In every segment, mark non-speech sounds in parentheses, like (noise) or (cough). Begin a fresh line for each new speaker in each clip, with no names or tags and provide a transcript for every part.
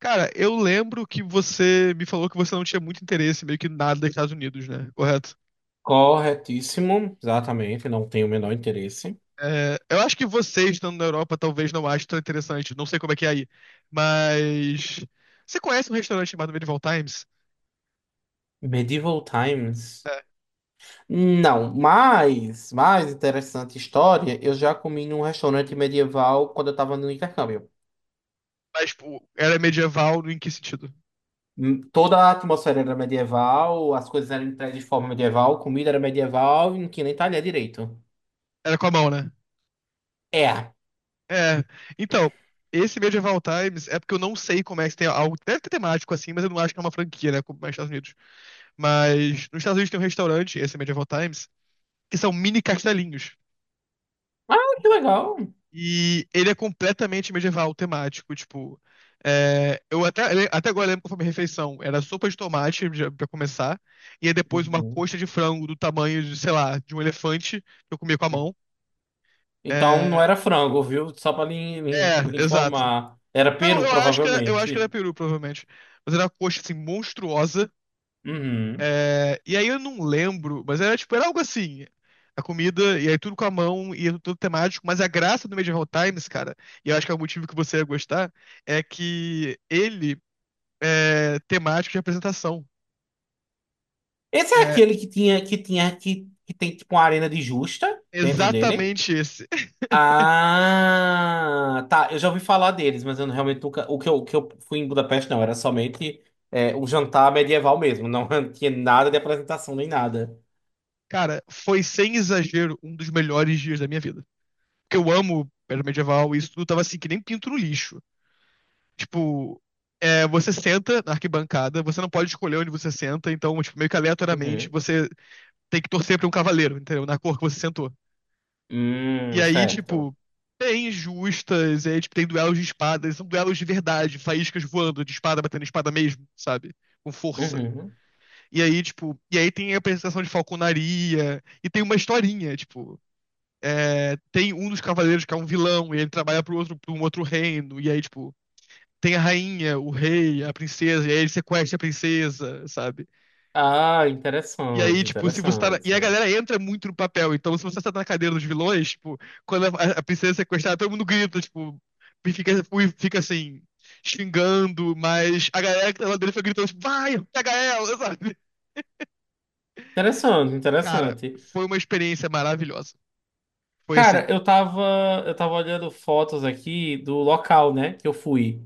Cara, eu lembro que você me falou que você não tinha muito interesse, meio que nada dos Estados Unidos, né? Correto?
Corretíssimo, exatamente, não tenho o menor interesse.
É, eu acho que você estando na Europa talvez não ache tão interessante, não sei como é que é aí. Mas você conhece um restaurante chamado Medieval Times?
Medieval Times.
É,
Não, mas, mais interessante história, eu já comi num restaurante medieval quando eu estava no intercâmbio.
mas pô, era medieval em que sentido?
Toda a atmosfera era medieval, as coisas eram entregues de forma medieval, comida era medieval e não tinha nem talher direito.
Era com a mão, né?
É. Ah,
É. Então, esse Medieval Times é porque eu não sei como é que tem algo. Deve ter temático assim, mas eu não acho que é uma franquia, né? Como é nos Estados Unidos. Mas nos Estados Unidos tem um restaurante, esse Medieval Times, que são mini castelinhos.
que legal.
E ele é completamente medieval temático, tipo. Eu até agora lembro qual foi a minha refeição. Era sopa de tomate pra começar, e aí depois uma
Uhum.
coxa de frango do tamanho de, sei lá, de um elefante que eu comia com a mão.
Então não
É,
era frango, viu? Só para lhe
é, exato.
informar. Era
Não,
peru,
eu acho que era
provavelmente.
peru, provavelmente. Mas era uma coxa assim monstruosa.
Uhum.
E aí eu não lembro, mas era tipo, era algo assim. A comida, e aí tudo com a mão, e é tudo temático, mas a graça do Medieval Times, cara, e eu acho que é o motivo que você ia gostar, é que ele é temático de apresentação.
Esse é
É
aquele que tem tipo uma arena de justa dentro dele.
exatamente esse.
Ah, tá. Eu já ouvi falar deles, mas eu realmente nunca. O que eu fui em Budapeste não, era somente o jantar medieval mesmo. Não (laughs) tinha nada de apresentação nem nada.
Cara, foi sem exagero um dos melhores dias da minha vida. Porque eu amo era medieval e isso tudo tava assim, que nem pinto no lixo. Tipo, é, você senta na arquibancada, você não pode escolher onde você senta, então, tipo, meio que aleatoriamente,
Uhum.
você tem que torcer pra um cavaleiro, entendeu? Na cor que você sentou. E aí,
Certo.
tipo, tem justas, e aí, tipo, tem duelos de espadas, são duelos de verdade, faíscas voando, de espada batendo espada mesmo, sabe? Com força.
Uhum.
E aí, tipo, e aí tem a apresentação de falconaria, e tem uma historinha, tipo. É, tem um dos cavaleiros que é um vilão, e ele trabalha pro outro, pra um outro reino, e aí, tipo, tem a rainha, o rei, a princesa, e aí ele sequestra a princesa, sabe?
Ah,
E aí,
interessante,
tipo, se você tá. E a
interessante.
galera entra muito no papel. Então, se você tá na cadeira dos vilões, tipo, quando a princesa é sequestrada, todo mundo grita, tipo, e fica assim, xingando, mas a galera que tá lá dentro foi gritando, tipo, vai, pega ela, (laughs) sabe?
Interessante,
Cara,
interessante.
foi uma experiência maravilhosa. Foi
Cara,
assim.
eu tava olhando fotos aqui do local, né, que eu fui.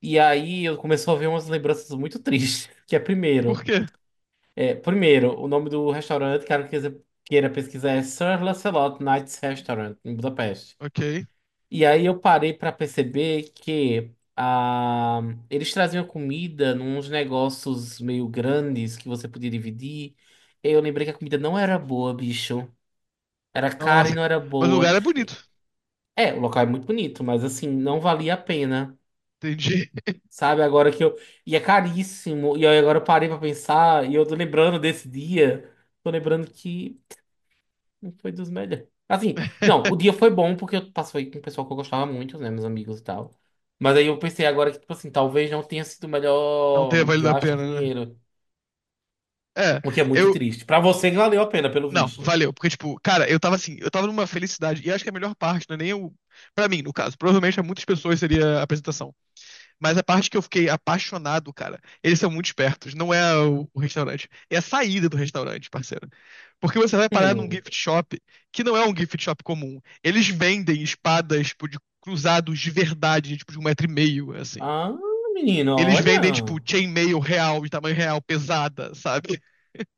E aí eu comecei a ver umas lembranças muito tristes. (laughs) Que é
Por
primeiro.
quê?
É, primeiro, o nome do restaurante, caso queira pesquisar, é Sir Lancelot Knights Restaurant, em Budapeste.
Ok.
E aí eu parei pra perceber que ah, eles traziam comida nos negócios meio grandes que você podia dividir. E eu lembrei que a comida não era boa, bicho. Era cara e
Nossa.
não era
Mas o
boa.
lugar é bonito.
É, o local é muito bonito, mas assim, não valia a pena.
Entendi.
Sabe, agora que eu. E é caríssimo. E aí agora eu parei pra pensar. E eu tô lembrando desse dia. Tô lembrando que não foi dos melhores. Assim, não, o
(laughs)
dia foi bom porque eu passei com o pessoal que eu gostava muito, né? Meus amigos e tal. Mas aí eu pensei agora que, tipo assim, talvez não tenha sido o
Não
melhor
ter valido a
gasto de
pena, né?
dinheiro.
É,
O que é muito
eu,
triste. Pra você que valeu a pena, pelo
Não,
visto.
valeu, porque, tipo, cara, eu tava assim, eu tava numa felicidade, e acho que a melhor parte, não é nem o. Pra mim, no caso, provavelmente pra muitas pessoas seria a apresentação. Mas a parte que eu fiquei apaixonado, cara, eles são muito espertos, não é o restaurante, é a saída do restaurante, parceiro. Porque você vai parar num
Hum.
gift shop, que não é um gift shop comum. Eles vendem espadas, tipo, de cruzados de verdade, tipo, de 1,5 m, assim.
Ah, menino,
Eles vendem, tipo,
olha.
chainmail real, de tamanho real, pesada, sabe?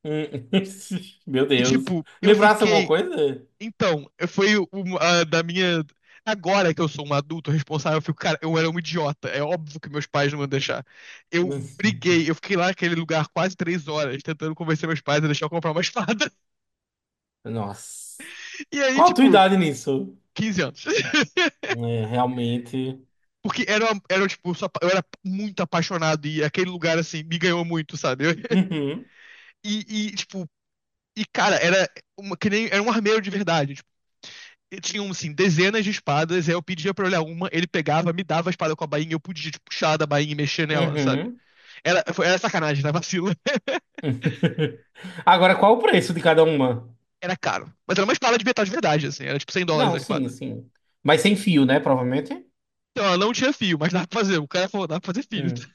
Hum. (laughs) Meu
E,
Deus.
tipo, eu
Lembrasse alguma
fiquei.
coisa?
Então, foi uma da minha. Agora que eu sou um adulto responsável, eu fico, cara, eu era um idiota. É óbvio que meus pais não iam deixar. Eu
(laughs)
briguei, eu fiquei lá naquele lugar quase 3 horas, tentando convencer meus pais a deixar eu comprar uma espada. (laughs)
Nossa.
E aí,
Qual a tua
tipo,
idade nisso?
15 anos. (laughs)
É, realmente.
Porque era, era tipo, só, eu era muito apaixonado e aquele lugar, assim, me ganhou muito, sabe? (laughs)
Uhum,
E, e, tipo, cara, era, uma, que nem, era um armeiro de verdade. E tinham, assim, dezenas de espadas, aí eu pedia pra olhar uma, ele pegava, me dava a espada com a bainha, eu podia, tipo, puxar da bainha e mexer nela, sabe?
uhum.
Era sacanagem, né? Vacilo. (laughs)
(laughs) Agora, qual o preço de cada uma?
Era caro. Mas era uma espada de metal de verdade, assim, era tipo US$ 100 a
Não, sim,
espada.
sim. Mas sem fio, né? Provavelmente.
Então, ela não tinha fio, mas dá pra fazer. O cara falou, dá pra fazer fio.
Hum.
(laughs)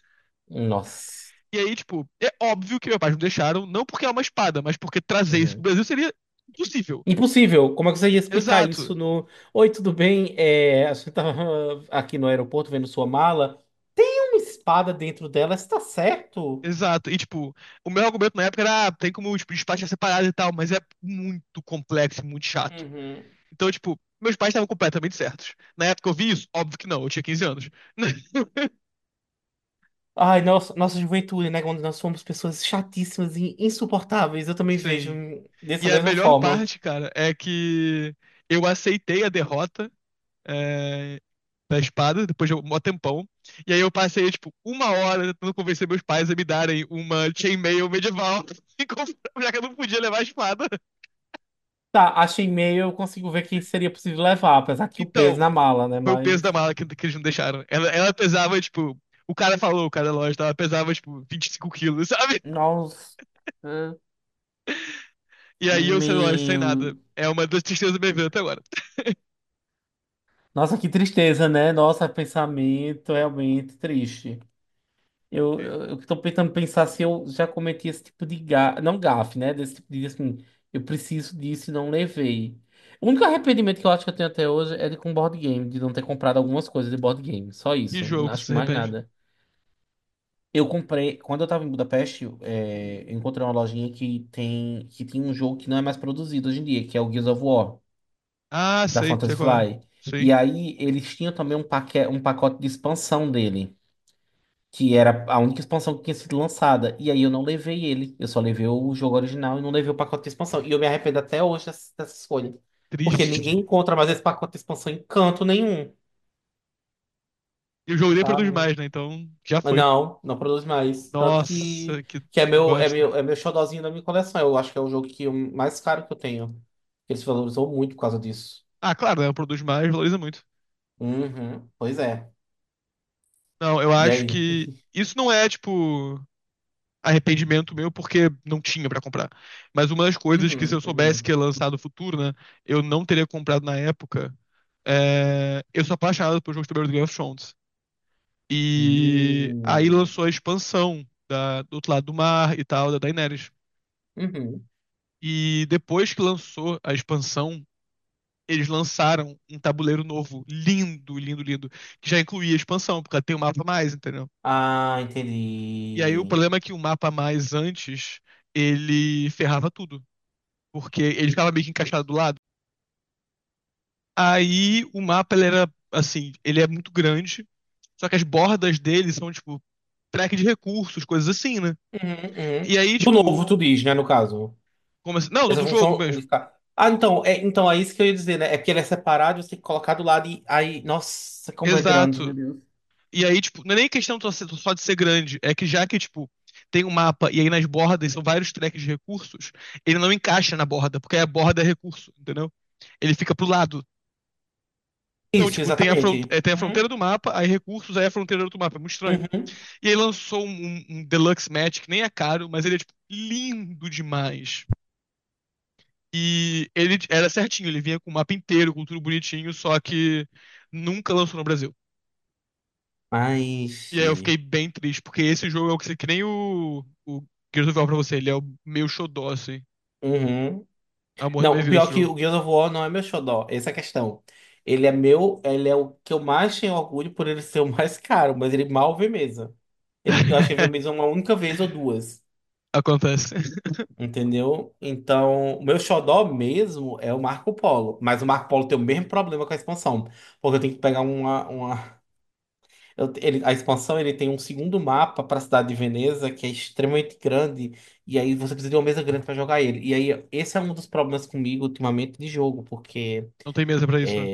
Nossa.
E aí, tipo, é óbvio que meus pais me deixaram, não porque é uma espada, mas porque trazer isso pro
Uhum.
Brasil seria impossível.
Impossível. Como é que você ia explicar isso
Exato.
no. Oi, tudo bem? É, a gente tava (laughs) aqui no aeroporto vendo sua mala. Uma espada dentro dela, está certo?
Exato. E, tipo, o meu argumento na época era, ah, tem como, tipo, despachar separado e tal, mas é muito complexo e muito chato.
Uhum.
Então, tipo, meus pais estavam completamente certos. Na época eu vi isso? Óbvio que não, eu tinha 15 anos. (laughs)
Ai, nossa, nossa juventude, né? Quando nós fomos pessoas chatíssimas e insuportáveis, eu também vejo
Sim.
dessa
E a
mesma
melhor
forma.
parte, cara, é que eu aceitei a derrota é, da espada depois de um mó tempão. E aí eu passei, tipo, uma hora tentando convencer meus pais a me darem uma chainmail medieval, (laughs) e já que eu não podia levar a espada.
Tá, achei e-mail, eu consigo ver que seria possível levar, apesar que o peso
Então,
na mala, né?
foi o peso da
Mas,
mala que eles não deixaram. Ela pesava, tipo, o cara falou, o cara da loja, ela pesava, tipo, 25 quilos, sabe?
nossa,
E aí eu sei lá, sem
meu.
nada. É uma das tristezas da minha vida até agora.
Nossa, que tristeza, né? Nossa, pensamento realmente triste. Eu tô tentando pensar se eu já cometi esse tipo de gafe, não gafe, né? Desse tipo de assim, eu preciso disso e não levei. O único arrependimento que eu acho que eu tenho até hoje é de com board game, de não ter comprado algumas coisas de board game. Só
Que
isso,
jogo
não
que você
acho que
se
mais
arrepende?
nada. Eu comprei, quando eu tava em Budapeste, eu encontrei uma lojinha que tem um jogo que não é mais produzido hoje em dia, que é o Gears of War,
Ah,
da
sei, sei
Fantasy
qual é.
Fly. E
Sim,
aí eles tinham também um pacote de expansão dele. Que era a única expansão que tinha sido lançada. E aí eu não levei ele. Eu só levei o jogo original e não levei o pacote de expansão. E eu me arrependo até hoje dessa escolha. Porque
triste.
ninguém encontra mais esse pacote de expansão em canto nenhum,
E o jogo nem produz
sabe?
mais, né? Então já
Mas
foi.
não, não produz mais. Tanto
Nossa, que
que é meu, é
bosta.
meu, é meu xodozinho da minha coleção. Eu acho que é o jogo mais caro que eu tenho. Ele se valorizou muito por causa disso.
Ah, claro, né? Produz mais, valoriza muito.
Uhum, pois é.
Não, eu
E
acho
aí?
que isso não é, tipo, arrependimento meu porque não tinha pra comprar. Mas uma das coisas que se eu
Uhum,
soubesse que ia
uhum.
lançar no futuro, né? Eu não teria comprado na época. É... Eu sou apaixonado por jogos de tabuleiro do Game of Thrones. E aí
Hum,
lançou a expansão da, do outro lado do mar e tal, da Daenerys.
uhum.
E depois que lançou a expansão, eles lançaram um tabuleiro novo, lindo, lindo, lindo, que já incluía a expansão, porque ela tem um mapa a mais, entendeu?
Ah,
E aí o
entendi.
problema é que o mapa a mais antes, ele ferrava tudo, porque ele ficava meio que encaixado do lado. Aí o mapa, ele era, assim, ele é muito grande, só que as bordas dele são, tipo, track de recursos, coisas assim, né?
Uhum, uhum.
E aí,
Do
tipo,
novo, tu diz, né, no caso.
como assim? Não, do
Essa
do jogo
função
mesmo.
unificar. Ah, então é isso que eu ia dizer, né? É porque ele é separado, você tem que colocar do lado e aí. Nossa, como é grande, meu
Exato.
Deus.
E aí, tipo, não é nem questão só ser- só de ser grande, é que já que, tipo, tem um mapa e aí nas bordas são vários tracks de recursos, ele não encaixa na borda, porque a borda é recurso, entendeu? Ele fica pro lado. Então,
Isso,
tipo, tem a,
exatamente.
tem a fronteira
Uhum,
do mapa, aí recursos, aí a fronteira do outro mapa. É muito estranho.
uhum.
E aí lançou um Deluxe Match, que nem é caro, mas ele é, tipo, lindo demais. E ele era certinho, ele vinha com o mapa inteiro, com tudo bonitinho, só que nunca lançou no Brasil.
Ai,
E aí eu
xi.
fiquei bem triste, porque esse jogo é o que, que nem o Gears of War pra você, ele é o meu xodó, assim.
Uhum.
Amor da
Não,
minha
o
vida esse
pior é que
jogo.
o Gears of War não é meu xodó, essa é a questão. Ele é meu, ele é o que eu mais tenho orgulho por ele ser o mais (laughs) caro, mas ele mal vê mesa. Ele, eu acho que ele viu mesa
(laughs)
uma única vez ou duas.
Acontece.
Entendeu? Então, o meu xodó mesmo é o Marco Polo. Mas o Marco Polo tem o mesmo problema com a expansão. Porque eu tenho que pegar uma. Uma... a expansão ele tem um segundo mapa para a cidade de Veneza, que é extremamente grande. E aí você precisa de uma mesa grande para jogar ele. E aí, esse é um dos problemas comigo ultimamente de jogo. Porque.
Não tem mesa pra isso, né?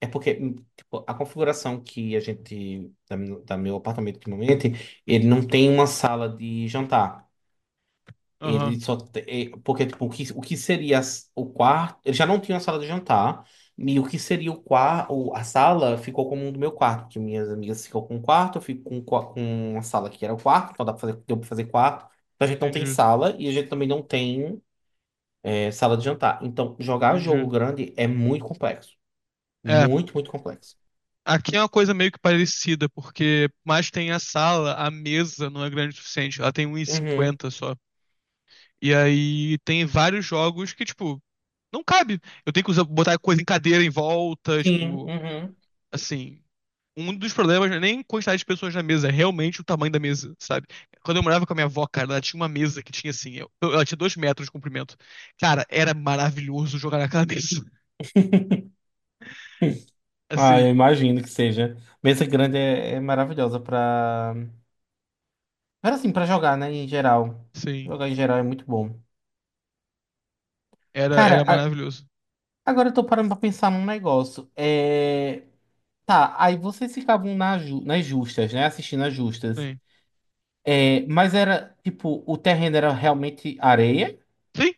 É porque tipo, a configuração que a gente. Da, da meu apartamento ultimamente, ele não tem uma sala de jantar.
Aham,
Ele só. Porque, tipo, o que seria o quarto. Ele já não tinha a sala de jantar. E o que seria o quarto. A sala ficou como um do meu quarto. Porque minhas amigas ficam com o quarto, eu fico com, com a sala que era o quarto. Então dá pra fazer, deu pra fazer quarto. Então a gente não tem
entendi,
sala e a gente também não tem sala de jantar. Então jogar jogo
entendi.
grande é muito complexo.
É,
Muito, muito complexo.
aqui é uma coisa meio que parecida, porque mais tem a sala, a mesa não é grande o suficiente, ela tem um e
Uhum.
cinquenta só. E aí tem vários jogos que, tipo, não cabe. Eu tenho que usar, botar coisa em cadeira em volta,
Sim,
tipo,
uhum.
assim, um dos problemas não é nem quantidade de pessoas na mesa, é realmente o tamanho da mesa, sabe? Quando eu morava com a minha avó, cara, ela tinha uma mesa que tinha assim, ela tinha 2 metros de comprimento. Cara, era maravilhoso jogar naquela mesa. (laughs)
Ah,
Assim,
eu imagino que seja. Mesa grande é, é maravilhosa para. Mas assim, pra jogar, né, em geral.
sim.
Jogar em geral é muito bom.
Era, era
Cara,
maravilhoso.
agora eu tô parando pra pensar num negócio. É... Tá, aí vocês ficavam na nas justas, né? Assistindo as justas.
Sim.
É, mas era, tipo, o terreno era realmente areia.
Sim.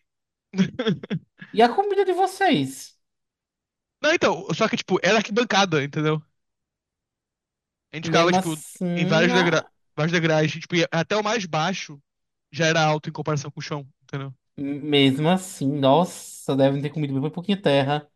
(laughs)
E a comida de vocês?
Não, então, só que, tipo, era arquibancada, entendeu? A gente ficava,
Mesmo
tipo, em
assim,
vários
a-
vários degraus, tipo, até o mais baixo já era alto em comparação com o chão, entendeu?
mesmo assim, nossa, devem ter comido bem pouquinho terra.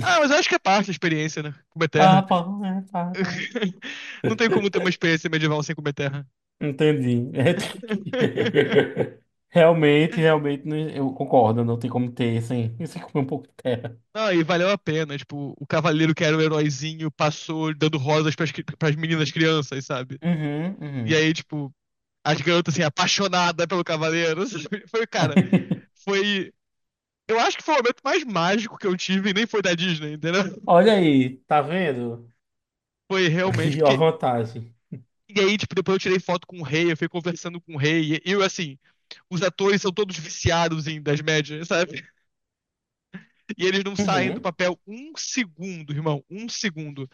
Ah, mas eu acho que é parte da experiência, né? Como é
Ah,
terra.
pá, é, pá, né.
(laughs) Não tem como ter uma experiência medieval sem comer terra.
Entendi.
(laughs)
(laughs) Realmente, realmente, eu concordo, não tem como ter sem, (laughs) sem comer um pouco de terra.
Não, e valeu a pena. Tipo, o cavaleiro que era o heróizinho passou dando rosas pras, pras meninas crianças, sabe?
Uhum,
E
uhum.
aí, tipo, as garotas, assim, apaixonadas pelo cavaleiro. (laughs) Sabe? Foi, cara,
(laughs)
foi. Eu acho que foi o momento mais mágico que eu tive, e nem foi da Disney, entendeu?
Olha aí, tá vendo?
Foi realmente,
(laughs) A
porque.
vantagem.
E aí, tipo, depois eu tirei foto com o rei, eu fui conversando com o rei, e eu, assim, os atores são todos viciados em das médias, sabe? E eles não saem do
Uhum,
papel um segundo, irmão, um segundo.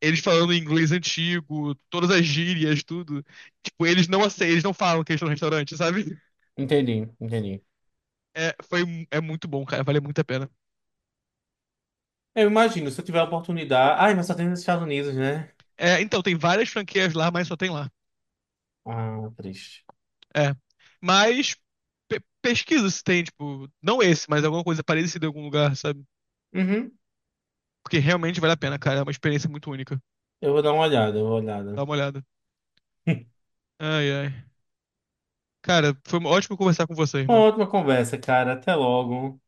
Eles falando inglês antigo, todas as gírias, tudo. Tipo, eles não aceitam, eles não falam que eles estão no restaurante, sabe?
entendi, entendi.
É, foi, É muito bom, cara, vale muito a pena.
Eu imagino, se eu tiver a oportunidade. Ai, mas só tem nos Estados Unidos, né?
É, então, tem várias franquias lá, mas só tem lá.
Ah, triste.
É. Mas pesquisa se tem, tipo, não esse, mas alguma coisa parecida em algum lugar, sabe?
Uhum,
Porque realmente vale a pena, cara, é uma experiência muito única.
eu vou dar uma olhada, eu vou dar uma
Dá
olhada.
uma olhada.
(laughs)
Ai, ai. Cara, foi ótimo conversar com você,
Uma
irmão.
ótima conversa, cara. Até logo.